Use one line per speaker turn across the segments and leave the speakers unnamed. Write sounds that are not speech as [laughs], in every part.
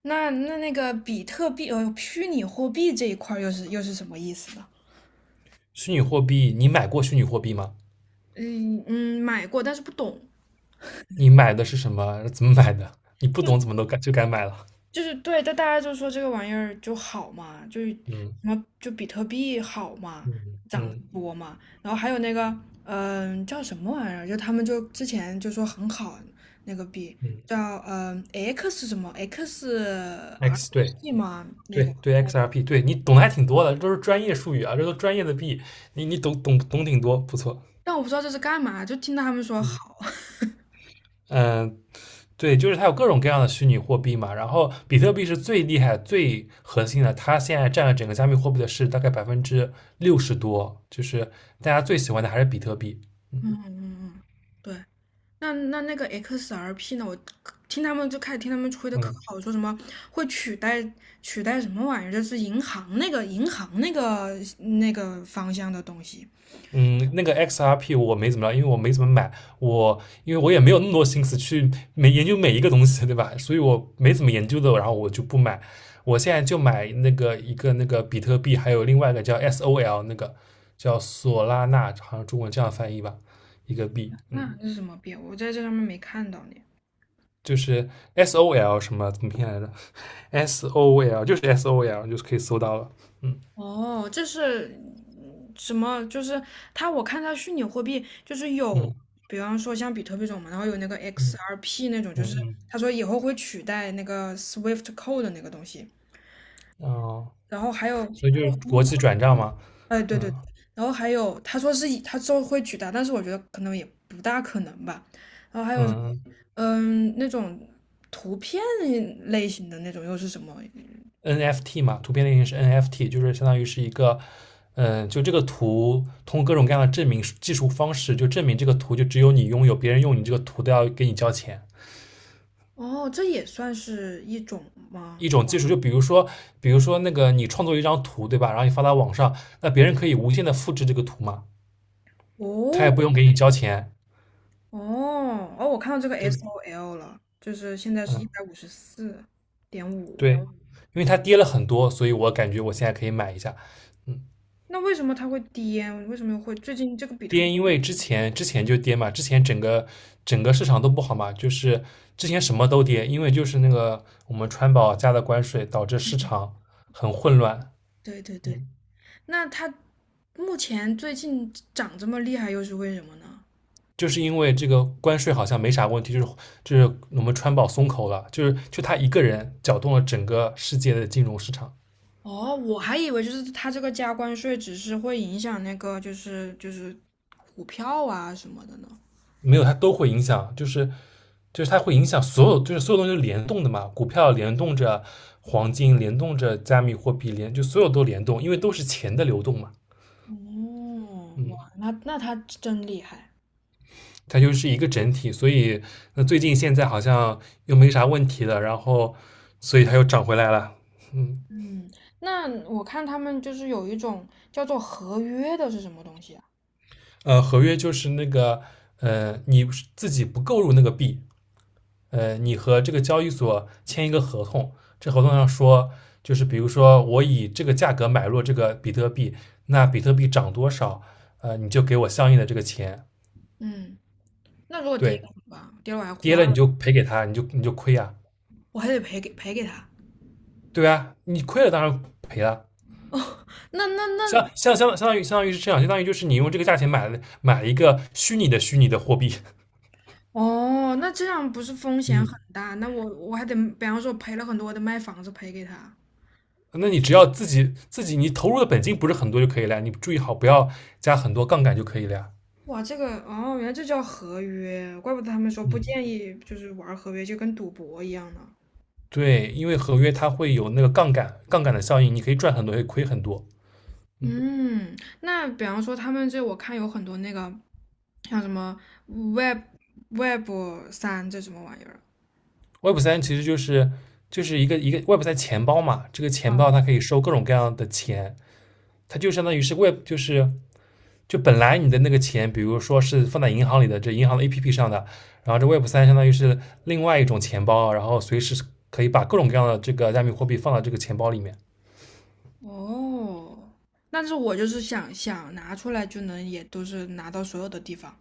那个比特币虚拟货币这一块儿又是什么意思呢？
虚拟货币，你买过虚拟货币吗？
嗯嗯，买过但是不懂，
你买的是什么？怎么买的？你不懂怎么都敢就敢买了。
就是对，但大家就说这个玩意儿就好嘛，就是
嗯
什么就比特币好嘛，
嗯
涨得
嗯
多嘛，然后还有那个叫什么玩意儿，就他们就之前就说很好那个币
嗯，
叫嗯、呃 X 什么
对
XRP 嘛那
对
个，
对 XRP，对，你懂的还挺多的，这都是专业术语啊，这都专业的币，你懂挺多，不错。
但我不知道这是干嘛，就听到他们说好，
嗯
[laughs]
嗯，对，就是它有各种各样的虚拟货币嘛，然后比特币是最厉害、最核心的，它现在占了整个加密货币的市值大概60多%，就是大家最喜欢的还是比特币。嗯
嗯嗯嗯，对。那个 XRP 呢？我听他们就开始听他们吹的可
嗯。
好，说什么会取代什么玩意儿？就是银行那个那个方向的东西，
嗯，那个 XRP 我没怎么着，因为我没怎么买，我因为我也没有那么多心思去每研究每一个东西，对吧？所以我没怎么研究的，然后我就不买。我现在就买那个一个那个比特币，还有另外一个叫 SOL，那个叫索拉纳，好像中文这样翻译吧，一个币，嗯，
那这是什么变？我在这上面没看到呢。
就是 SOL 什么怎么拼来着？SOL 就是 SOL，就是可以搜到了，嗯
哦，这是什么？就是它，我看它虚拟货币就是有，
嗯
比方说像比特币这种嘛，然后有那个
嗯
XRP 那种，就是
嗯
他说以后会取代那个 Swift Code 的那个东西，
嗯，哦，
然后还有
所以就是国际转账嘛，
哎，对对对，
嗯
然后还有他说是以他之后会取代，但是我觉得可能也不大可能吧。然后还有
嗯。
那种图片类型的那种又是什么？
NFT 嘛，图片类型是 NFT，就是相当于是一个，嗯，就这个图通过各种各样的证明技术方式，就证明这个图就只有你拥有，别人用你这个图都要给你交钱。
哦，这也算是一种吗？
一种技术，就比如说，比如说那个你创作一张图，对吧？然后你发到网上，那别人可以无限的复制这个图嘛，他也不用
哦
给你交钱。
哦哦，我看到这个
对，
SOL 了，就是现在是一
嗯，
百五十四点五，
对，因为它跌了很多，所以我感觉我现在可以买一下。
那为什么它会跌？为什么会最近这个比特币？
跌，因为之前就跌嘛，之前整个市场都不好嘛，就是之前什么都跌，因为就是那个我们川宝加的关税导致市场很混乱，
对对对，
嗯，
那它目前最近涨这么厉害又是为什么呢？
就是因为这个关税好像没啥问题，就是我们川宝松口了，就他一个人搅动了整个世界的金融市场，
哦，我还以为就是他这个加关税只是会影响那个就是股票啊什么的呢。
没有他都会影响，就是它会影响所有，就是所有东西都联动的嘛，股票联动着黄金，联动着加密货币，联就所有都联动，因为都是钱的流动嘛。
哦，哇，那他真厉害。
它就是一个整体，所以那最近现在好像又没啥问题了，然后所以它又涨回来了。嗯，
嗯，那我看他们就是有一种叫做合约的是什么东西啊？
合约就是那个你自己不购入那个币，你和这个交易所签一个合同，这合同上说就是比如说我以这个价格买入这个比特币，那比特币涨多少，你就给我相应的这个钱，
嗯，那如果跌了
对，
怎么办？跌了我还我
跌
还
了你就赔给他，你就亏啊，
我还得赔给他。
对啊，你亏了当然赔了。
那那
相
那
相相相当于相当于是这样，相当于就是你用这个价钱买一个虚拟的货币，
哦，那这样不是风险很
嗯，
大？那我还得，比方说赔了很多，我得卖房子赔给他。
[laughs] 那你只要自己你投入的本金不是很多就可以了，你注意好不要加很多杠杆就可以了呀，
哇，这个哦，原来这叫合约，怪不得他们说不
嗯，
建议就是玩合约，就跟赌博一样呢。
对，因为合约它会有那个杠杆的效应，你可以赚很多，也可以亏很多，嗯
嗯，那比方说他们这我看有很多那个像什么 Web Web 三这什么玩意儿
，Web 三其实就是一个 Web 三钱包嘛，这个钱包它可以收各种各样的钱，它就相当于是 Web 就本来你的那个钱，比如说是放在银行里的，这银行的 APP 上的，然后这 Web 三相当于是另外一种钱包，然后随时可以把各种各样的这个加密货币放到这个钱包里面
嗯，哦，但是我就是想想拿出来就能也都是拿到所有的地方。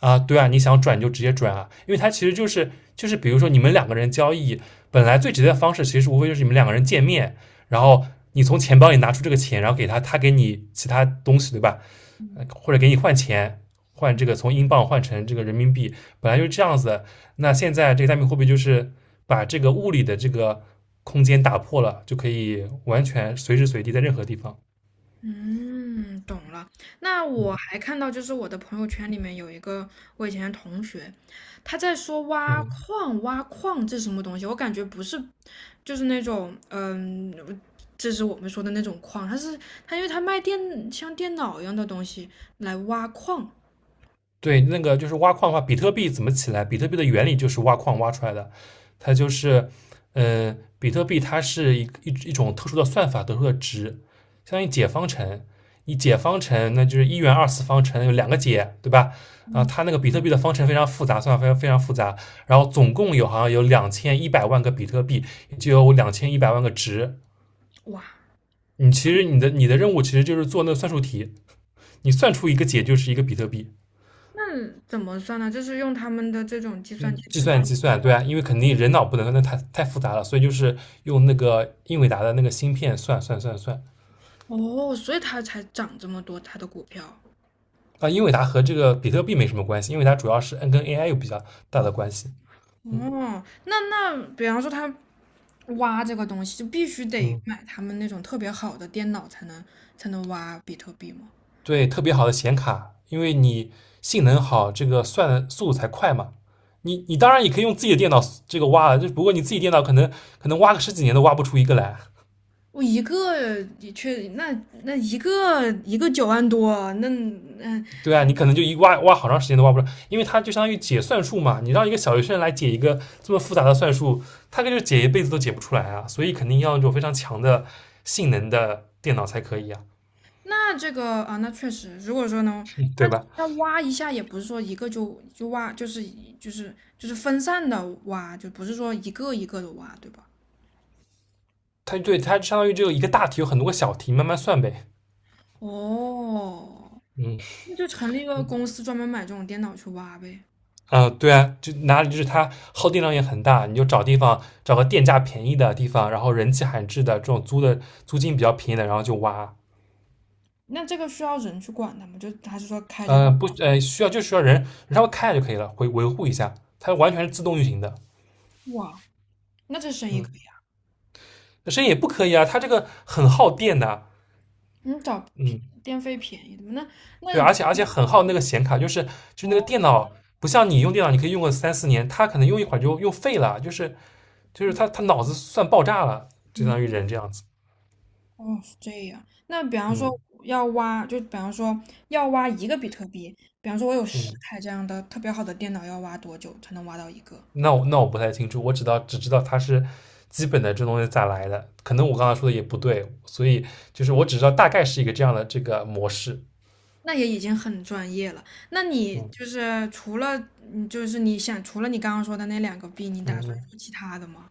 啊。对啊，你想转就直接转啊，因为它其实就是比如说你们两个人交易，本来最直接的方式其实无非就是你们两个人见面，然后你从钱包里拿出这个钱，然后给他，他给你其他东西，对吧？或者给你换钱，换这个从英镑换成这个人民币，本来就是这样子那现在这个加密货币就是把这个物理的这个空间打破了，就可以完全随时随地在任何地方。
嗯，懂了。那我
嗯
还看到，就是我的朋友圈里面有一个我以前的同学，他在说挖
嗯，
矿，挖矿这是什么东西？我感觉不是，就是那种，嗯，这是我们说的那种矿，他是他，因为他卖电像电脑一样的东西来挖矿，
对，那个就是挖矿的话，比特币怎么起来？比特币的原理就是挖矿挖出来的，它就是，比特币它是一种特殊的算法得出的值，相当于解方程。你解方程，那就是一元二次方程有两个解，对吧？啊，它那个比特币的方程非常复杂，算法非常非常复杂。然后总共有好像有两千一百万个比特币，就有两千一百万个值。
哇，
你其实你的任务其实就是做那个算术题，你算出一个解就是一个比特币。
那怎么算呢？就是用他们的这种计算
嗯，
机
计
自动，
算计算，对啊，因为肯定人脑不能，那太复杂了，所以就是用那个英伟达的那个芯片算
哦，所以它才涨这么多，它的股票。
啊。英伟达和这个比特币没什么关系，因为它主要是 N 跟 AI 有比较大
哦。
的关系。嗯
哦，那比方说他挖这个东西，就必须得
嗯，
买他们那种特别好的电脑才能挖比特币吗？
对，特别好的显卡，因为你性能好，这个算的速度才快嘛。你当然也可以用自己的电脑这个挖了，就不过你自己电脑可能挖个十几年都挖不出一个来。
我一个也确，那一个一个9万多，那嗯，
对啊，你可能就一挖挖好长时间都挖不出来，因为它就相当于解算术嘛。你让一个小学生来解一个这么复杂的算术，他可就解一辈子都解不出来啊。所以肯定要那种非常强的性能的电脑才可以啊，
那这个啊，那确实，如果说能，
嗯对吧？
那挖一下也不是说一个就挖，就是分散的挖，就不是说一个一个的挖，对吧？
它对它相当于只有一个大题，有很多个小题，慢慢算呗。
哦，
嗯
那就成立一个公司专门买这种电脑去挖呗。
对啊，就哪里就是它耗电量也很大，你就找地方找个电价便宜的地方，然后人迹罕至的这种租的租金比较便宜的，然后就挖。
那这个需要人去管它吗？就还是说开着就
不，需要就需要人稍微看一下就可以了，维护一下，它完全是自动运行的。
挖？那这生意
嗯，
可以啊，
那声音也不可以啊，它这个很耗电的。啊
你找
嗯，
电费便宜的嘛？那那
对，
你
而且很耗那个显卡，就是那
哦，
个电脑，不像你用电脑，你可以用个三四年，它可能用一会儿就用废了，就是它脑子算爆炸了，就相当于
嗯，
人这样子。
哦是这样。那比方说
嗯
要挖，就比方说要挖一个比特币，比方说我有十
嗯，
台这样的特别好的电脑，要挖多久才能挖到一个？
那我不太清楚，我只知道它是基本的这东西咋来的，可能我刚才说的也不对，所以就是我只知道大概是一个这样的这个模式。
那也已经很专业了。那
嗯。
你就是你想除了你刚刚说的那两个币，你打算
嗯，
做其他的吗？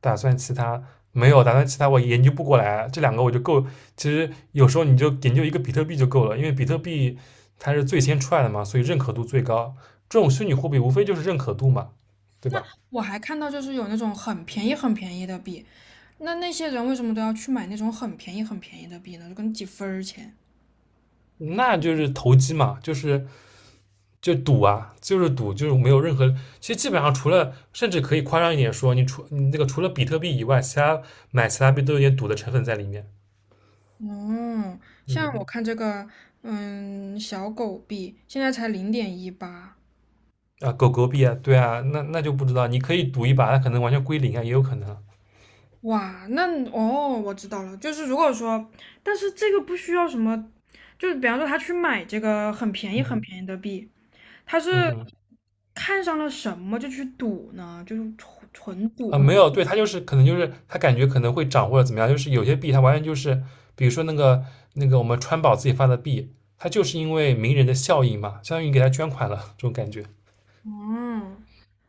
打算其他没有，打算其他我研究不过来啊，这两个我就够。其实有时候你就研究一个比特币就够了，因为比特币它是最先出来的嘛，所以认可度最高。这种虚拟货币无非就是认可度嘛，对吧？
我还看到就是有那种很便宜很便宜的币，那那些人为什么都要去买那种很便宜很便宜的币呢？就跟几分儿钱。
那就是投机嘛，就赌啊，就是赌，就是没有任何。其实基本上除了，甚至可以夸张一点说，你那个除了比特币以外，其他买其他币都有点赌的成分在里面。
哦，像我
嗯。
看这个，小狗币现在才0.18，
啊，狗狗币啊，对啊，那就不知道，你可以赌一把，它可能完全归零啊，也有可能啊
哇，那哦，我知道了，就是如果说，但是这个不需要什么，就是比方说他去买这个很便宜很
嗯
便宜的币，他是
嗯嗯
看上了什么就去赌呢？就是纯纯赌。
啊，没有，对，它就是可能就是它感觉可能会涨或者怎么样，就是有些币它完全就是，比如说那个我们川宝自己发的币，它就是因为名人的效应嘛，相当于给他捐款了这种感觉。
哦，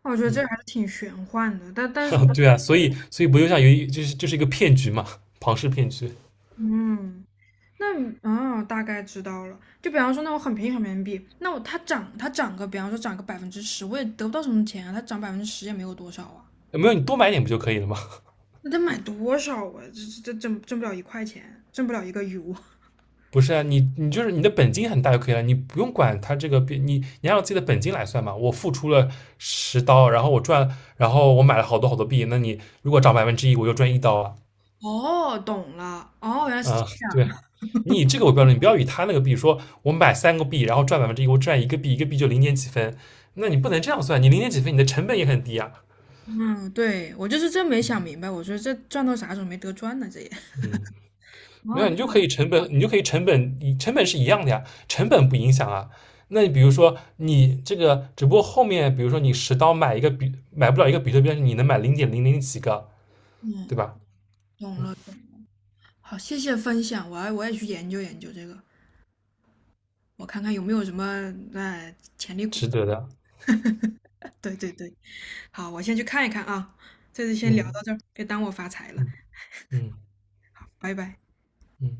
我觉得这
嗯，
还是挺玄幻的，但是，
[laughs] 对啊，所以不就像就是一个骗局嘛，庞氏骗局。
嗯，那哦大概知道了。就比方说，那我很便宜很便宜币，那我它涨，它涨个，比方说涨个百分之十，我也得不到什么钱啊，它涨百分之十也没有多少啊，
没有，你多买点不就可以了吗？
那得买多少啊？这挣不了1块钱，挣不了一个 U。[laughs]
不是啊，你就是你的本金很大就可以了，你不用管它这个你你按照自己的本金来算嘛。我付出了十刀，然后我赚，然后我买了好多好多币，那你如果涨百分之一，我就赚1刀啊。
哦，懂了，哦，原来是
啊，
这
对，
样。
你以这个为标准，你不要以他那个币说，我买三个币，然后赚百分之一，我赚一个币，一个币就零点几分，那你不能这样算，你零点几分，你的成本也很低啊。
嗯，对，我就是真没想明白，我觉得这赚到啥时候没得赚呢？这也。[laughs]
嗯。没
哦，
有，你就可以
那
成本，你就可以成本，你成本是一样的呀，成本不影响啊。那你比如说，你这个只不过后面，比如说你十刀买不了一个比特币，但是你能买零点零零几个，对
嗯，
吧？
懂了，好，谢谢分享，我也去研究研究这个。我看看有没有什么潜力股。
值得的。
对对对，好，我先去看一看啊。这次先聊
嗯
到这儿，别耽误我发财了，
嗯嗯
拜拜。
嗯。